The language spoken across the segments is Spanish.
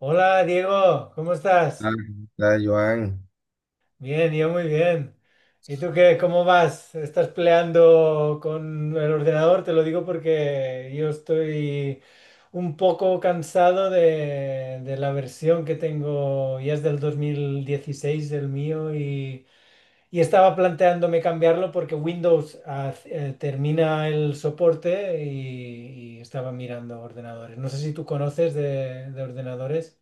Hola Diego, ¿cómo estás? Ah, la Joan, Bien, yo muy bien. ¿Y tú qué? ¿Cómo vas? ¿Estás peleando con el ordenador? Te lo digo porque yo estoy un poco cansado de la versión que tengo, ya es del 2016 el mío y estaba planteándome cambiarlo porque Windows termina el soporte y estaba mirando ordenadores. No sé si tú conoces de ordenadores.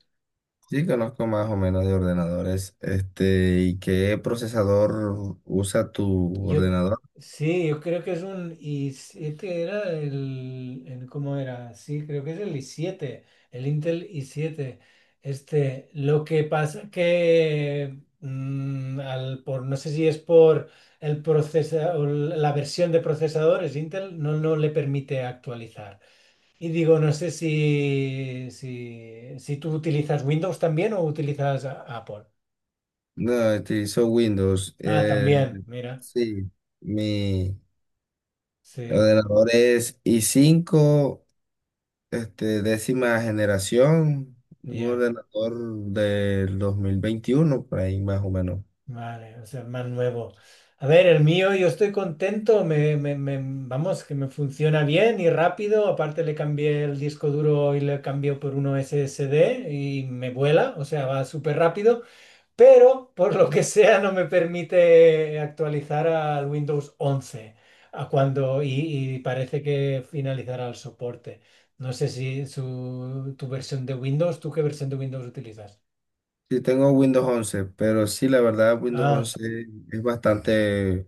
sí conozco más o menos de ordenadores. Este, ¿y qué procesador usa tu Yo, ordenador? sí, yo creo que es un i7, era ¿cómo era? Sí, creo que es el i7, el Intel i7. Este, lo que pasa que, no sé si es por el procesador, la versión de procesadores, Intel no le permite actualizar. Y digo, no sé si tú utilizas Windows también o utilizas Apple. No, utilizo Windows. Ah, también, mira, Sí, mi sí, ordenador es i cinco, este, décima generación, un ya. ordenador del 2021, por ahí más o menos. Vale, o sea, más nuevo. A ver, el mío, yo estoy contento, vamos, que me funciona bien y rápido. Aparte le cambié el disco duro y le cambié por uno SSD y me vuela, o sea, va súper rápido, pero por lo que sea no me permite actualizar al Windows 11 a cuando, y parece que finalizará el soporte. No sé si tu versión de Windows, ¿tú qué versión de Windows utilizas? Sí, tengo Windows once pero sí, la verdad, Windows Ah, once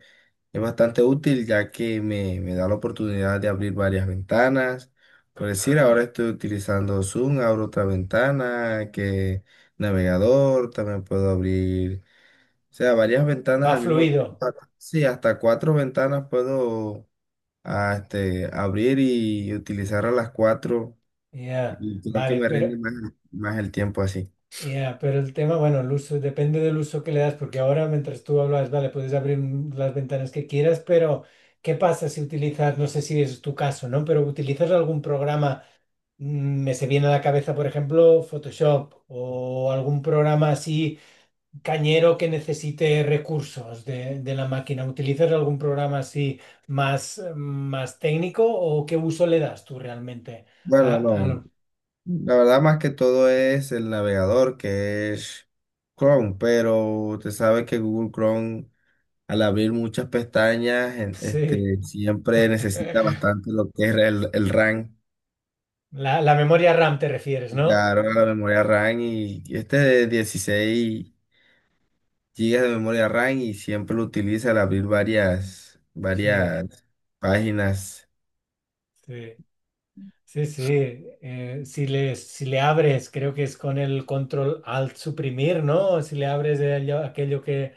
es bastante útil ya que me da la oportunidad de abrir varias ventanas. Por decir, ahora estoy utilizando Zoom, abro otra ventana, que navegador, también puedo abrir, o sea, varias ventanas va al mismo fluido. tiempo. Sí, hasta cuatro ventanas puedo este, abrir y utilizar a las cuatro, Ya, y creo que vale, me pero rinde más el tiempo así. ya, pero el tema, bueno, el uso, depende del uso que le das, porque ahora mientras tú hablas, vale, puedes abrir las ventanas que quieras, pero ¿qué pasa si utilizas, no sé si es tu caso, ¿no? Pero utilizas algún programa, me se viene a la cabeza, por ejemplo, Photoshop o algún programa así cañero que necesite recursos de la máquina. ¿Utilizas algún programa así más, más técnico o qué uso le das tú realmente? a, Bueno, a no. lo- La verdad, más que todo es el navegador que es Chrome, pero usted sabe que Google Chrome, al abrir muchas pestañas, sí. este, siempre necesita bastante lo que es el RAM. La memoria RAM te refieres, Y ¿no? claro, la memoria RAM y este de 16 gigas de memoria RAM y siempre lo utiliza al abrir Sí, varias páginas sí, sí, sí. Si le abres, creo que es con el control alt suprimir, ¿no? Si le abres aquello que,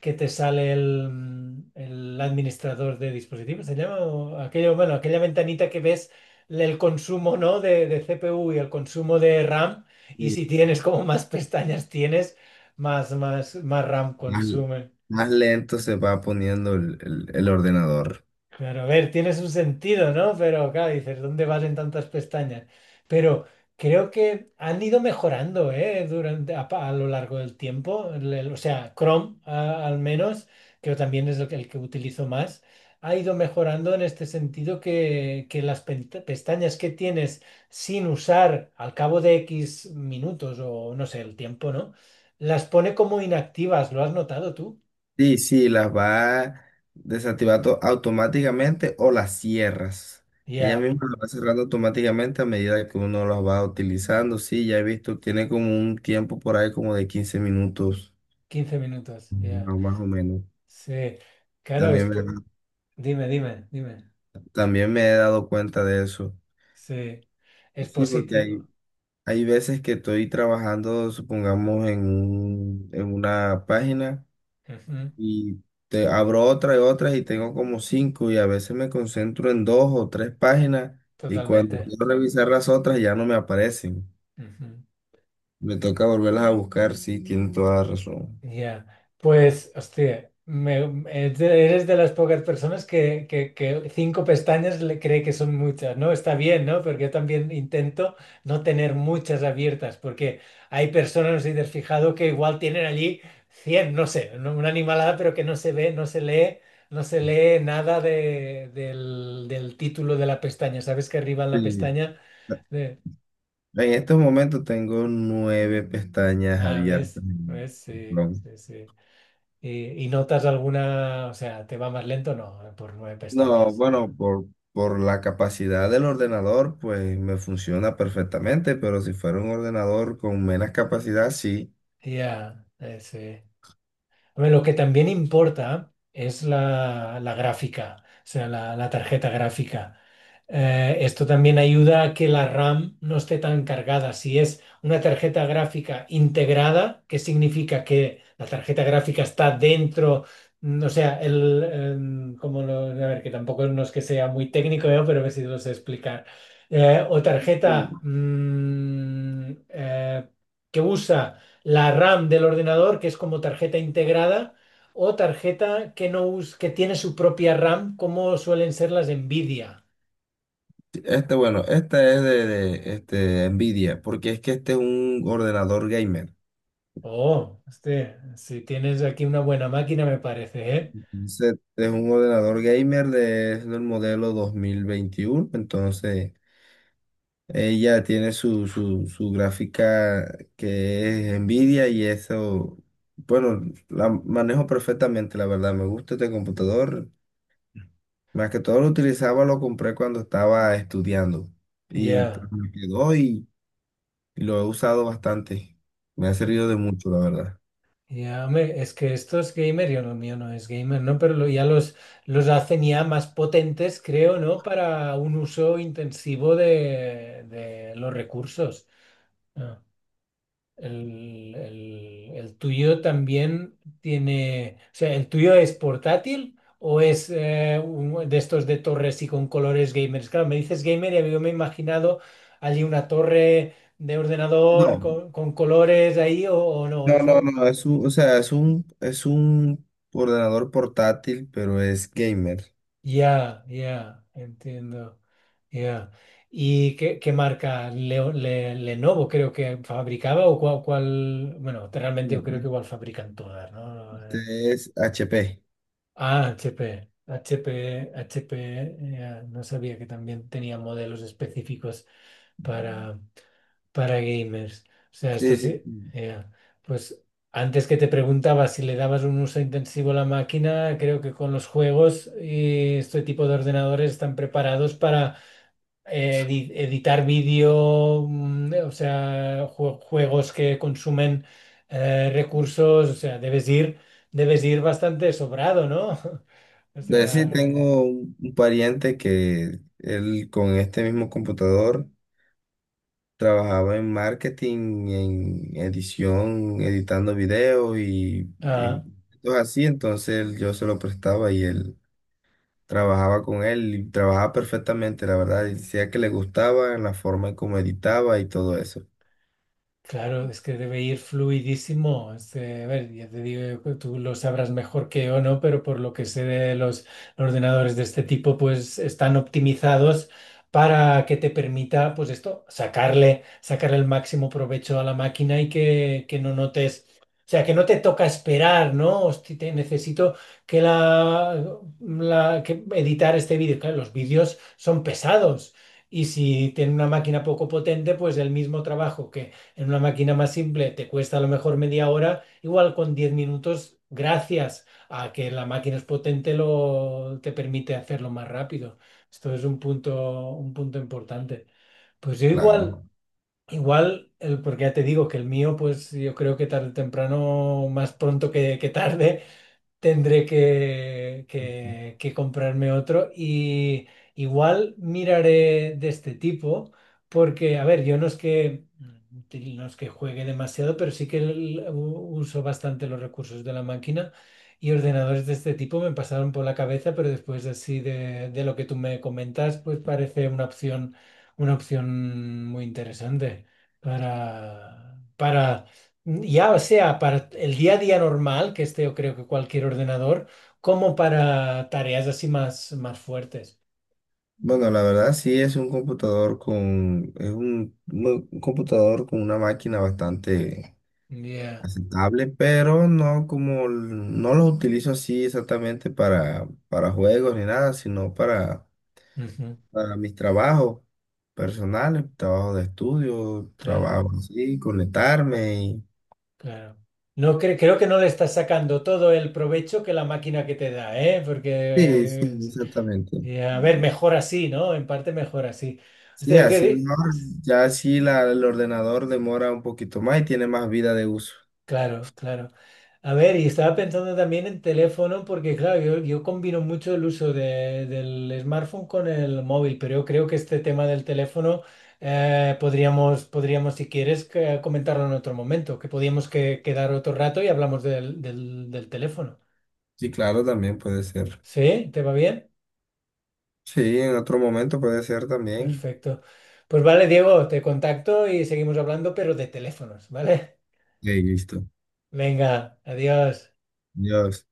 que te sale el, el administrador de dispositivos, se llama, o aquello, bueno, aquella ventanita que ves el consumo, ¿no? De CPU y el consumo de RAM. Y y si tienes como más pestañas tienes, más RAM más, consume. más lento se va poniendo el ordenador. Claro, a ver, tiene su sentido, ¿no? Pero claro, dices, ¿dónde vas en tantas pestañas? Pero creo que han ido mejorando, ¿eh? Durante, a lo largo del tiempo. O sea, Chrome, al menos, que también es el que utilizo más, ha ido mejorando en este sentido que las pestañas que tienes sin usar al cabo de X minutos o no sé, el tiempo, ¿no? Las pone como inactivas, ¿lo has notado tú? Sí, sí, las va desactivando automáticamente o las cierras. Ella Ya, misma las va cerrando automáticamente a medida que uno las va utilizando. Sí, ya he visto, tiene como un tiempo por ahí como de 15 minutos, 15 minutos, ya. no, más o menos. Sí, claro, También me, dime, dime, dime. también me he dado cuenta de eso. Sí, es Sí, porque positivo. Hay veces que estoy trabajando, supongamos, en una página, Ujú. y te abro otra y otra y tengo como cinco y a veces me concentro en dos o tres páginas y cuando Totalmente. quiero revisar las otras ya no me aparecen. Ujú. Me toca volverlas a buscar, sí, tiene toda la razón. Ya. Pues, hostia, eres de las pocas personas que cinco pestañas le cree que son muchas, ¿no? Está bien, ¿no? Porque yo también intento no tener muchas abiertas, porque hay personas, no sé si te has fijado, que igual tienen allí 100 no sé, una animalada, pero que no se ve, no se lee, no se lee nada del título de la pestaña. ¿Sabes que arriba en la Sí. pestaña? de- En estos momentos tengo nueve pestañas Ah, abiertas ¿ves? en ¿Ves? Sí, Chrome. sí, sí. ¿Y notas alguna, o sea, te va más lento? No, por nueve No, pestañas. No. bueno, por la capacidad del ordenador, pues me funciona perfectamente, pero si fuera un ordenador con menos capacidad, sí. Ya, sí. Hombre, lo que también importa es la gráfica, o sea, la tarjeta gráfica. Esto también ayuda a que la RAM no esté tan cargada. Si es una tarjeta gráfica integrada, que significa que la tarjeta gráfica está dentro, o sea, el, em, como lo- a ver, que tampoco no es que sea muy técnico, ¿eh? Pero a ver si lo sé explicar. O Sí. tarjeta que usa la RAM del ordenador, que es como tarjeta integrada, o tarjeta que no us- que tiene su propia RAM, como suelen ser las Nvidia. Este, bueno, esta es este, Nvidia, porque es que este es un ordenador gamer. Oh, este, si tienes aquí una buena máquina, me parece, ¿eh? Entonces, es un ordenador gamer de, es del modelo 2021, entonces ella tiene su gráfica que es Nvidia y eso, bueno, la manejo perfectamente, la verdad, me gusta este computador. Más que todo lo utilizaba, lo compré cuando estaba estudiando y Ya. pues me quedó y... Lo he usado bastante. Me ha servido de mucho, la verdad. Ya, hombre, es que esto es gamer, yo lo mío no es gamer, ¿no? Pero ya los hacen ya más potentes, creo, ¿no? Para un uso intensivo de los recursos. Ah. El el tuyo también tiene, o sea, ¿el tuyo es portátil o es de estos de torres y con colores gamers? Claro, me dices gamer y yo me he imaginado allí una torre de ordenador No, con colores ahí o no, es un. no. Es un, o sea, es un ordenador portátil, pero es gamer. Ya, ya, entiendo. Ya. ¿Y qué marca? Lenovo creo que fabricaba o bueno, realmente No, yo creo que igual fabrican todas, ¿no? este es HP. Ah, HP. HP, HP, no sabía que también tenía modelos específicos para, para gamers. O sea, esto Sí, sí. sí, eh, pues antes que te preguntaba si le dabas un uso intensivo a la máquina, creo que con los juegos y este tipo de ordenadores están preparados editar vídeo, o sea, juegos que consumen recursos, o sea, debes ir bastante sobrado, ¿no? O De sí sea, tengo un pariente que él con este mismo computador trabajaba en marketing, en edición, editando videos y ah. cosas así. Entonces yo se lo prestaba y él trabajaba con él y trabajaba perfectamente, la verdad, y decía que le gustaba la forma en cómo editaba y todo eso. Claro, es que debe ir fluidísimo. Este, a ver, ya te digo, que tú lo sabrás mejor que yo, ¿no? Pero por lo que sé de los ordenadores de este tipo, pues están optimizados para que te permita, pues esto, sacarle, sacarle el máximo provecho a la máquina y que no notes, o sea, que no te toca esperar, ¿no? Hosti, te necesito que la, que editar este vídeo. Claro, los vídeos son pesados. Y si tiene una máquina poco potente, pues el mismo trabajo que en una máquina más simple te cuesta a lo mejor media hora, igual con 10 minutos, gracias a que la máquina es potente, te permite hacerlo más rápido. Esto es un punto importante. Pues yo igual, Claro. igual, el, porque ya te digo que el mío, pues yo creo que tarde o temprano, más pronto que tarde, tendré que, Ujú. que- que comprarme otro y igual miraré de este tipo porque, a ver, yo no es que, juegue demasiado, pero sí que uso bastante los recursos de la máquina y ordenadores de este tipo me pasaron por la cabeza, pero después así de lo que tú me comentas, pues parece una opción muy interesante para ya sea para el día a día normal, que este yo creo que cualquier ordenador, como para tareas así más, más fuertes. Bueno, la verdad sí es un computador con, es un, no, un computador con una máquina bastante Ya, aceptable, pero no como, no lo utilizo así exactamente para juegos ni nada, sino ujú, para mis trabajos personales, trabajo de estudio, claro, trabajo así, conectarme y... claro. Creo que no le estás sacando todo el provecho que la máquina que te da, ¿eh? Sí, Porque, sí, exactamente. A ver, mejor así, ¿no? En parte mejor así. O sea. Sí, así mejor. Ya así el ordenador demora un poquito más y tiene más vida de uso. Claro, claro. A ver, y estaba pensando también en teléfono porque, claro, yo combino mucho el uso del smartphone con el móvil, pero yo creo que este tema del teléfono podríamos, si quieres, comentarlo en otro momento, que podíamos quedar otro rato y hablamos del teléfono. Sí, claro, también puede ser. ¿Sí? ¿Te va bien? Sí, en otro momento puede ser también. Perfecto. Pues vale, Diego, te contacto y seguimos hablando, pero de teléfonos, ¿vale? Ok, listo. Venga, adiós. Dios.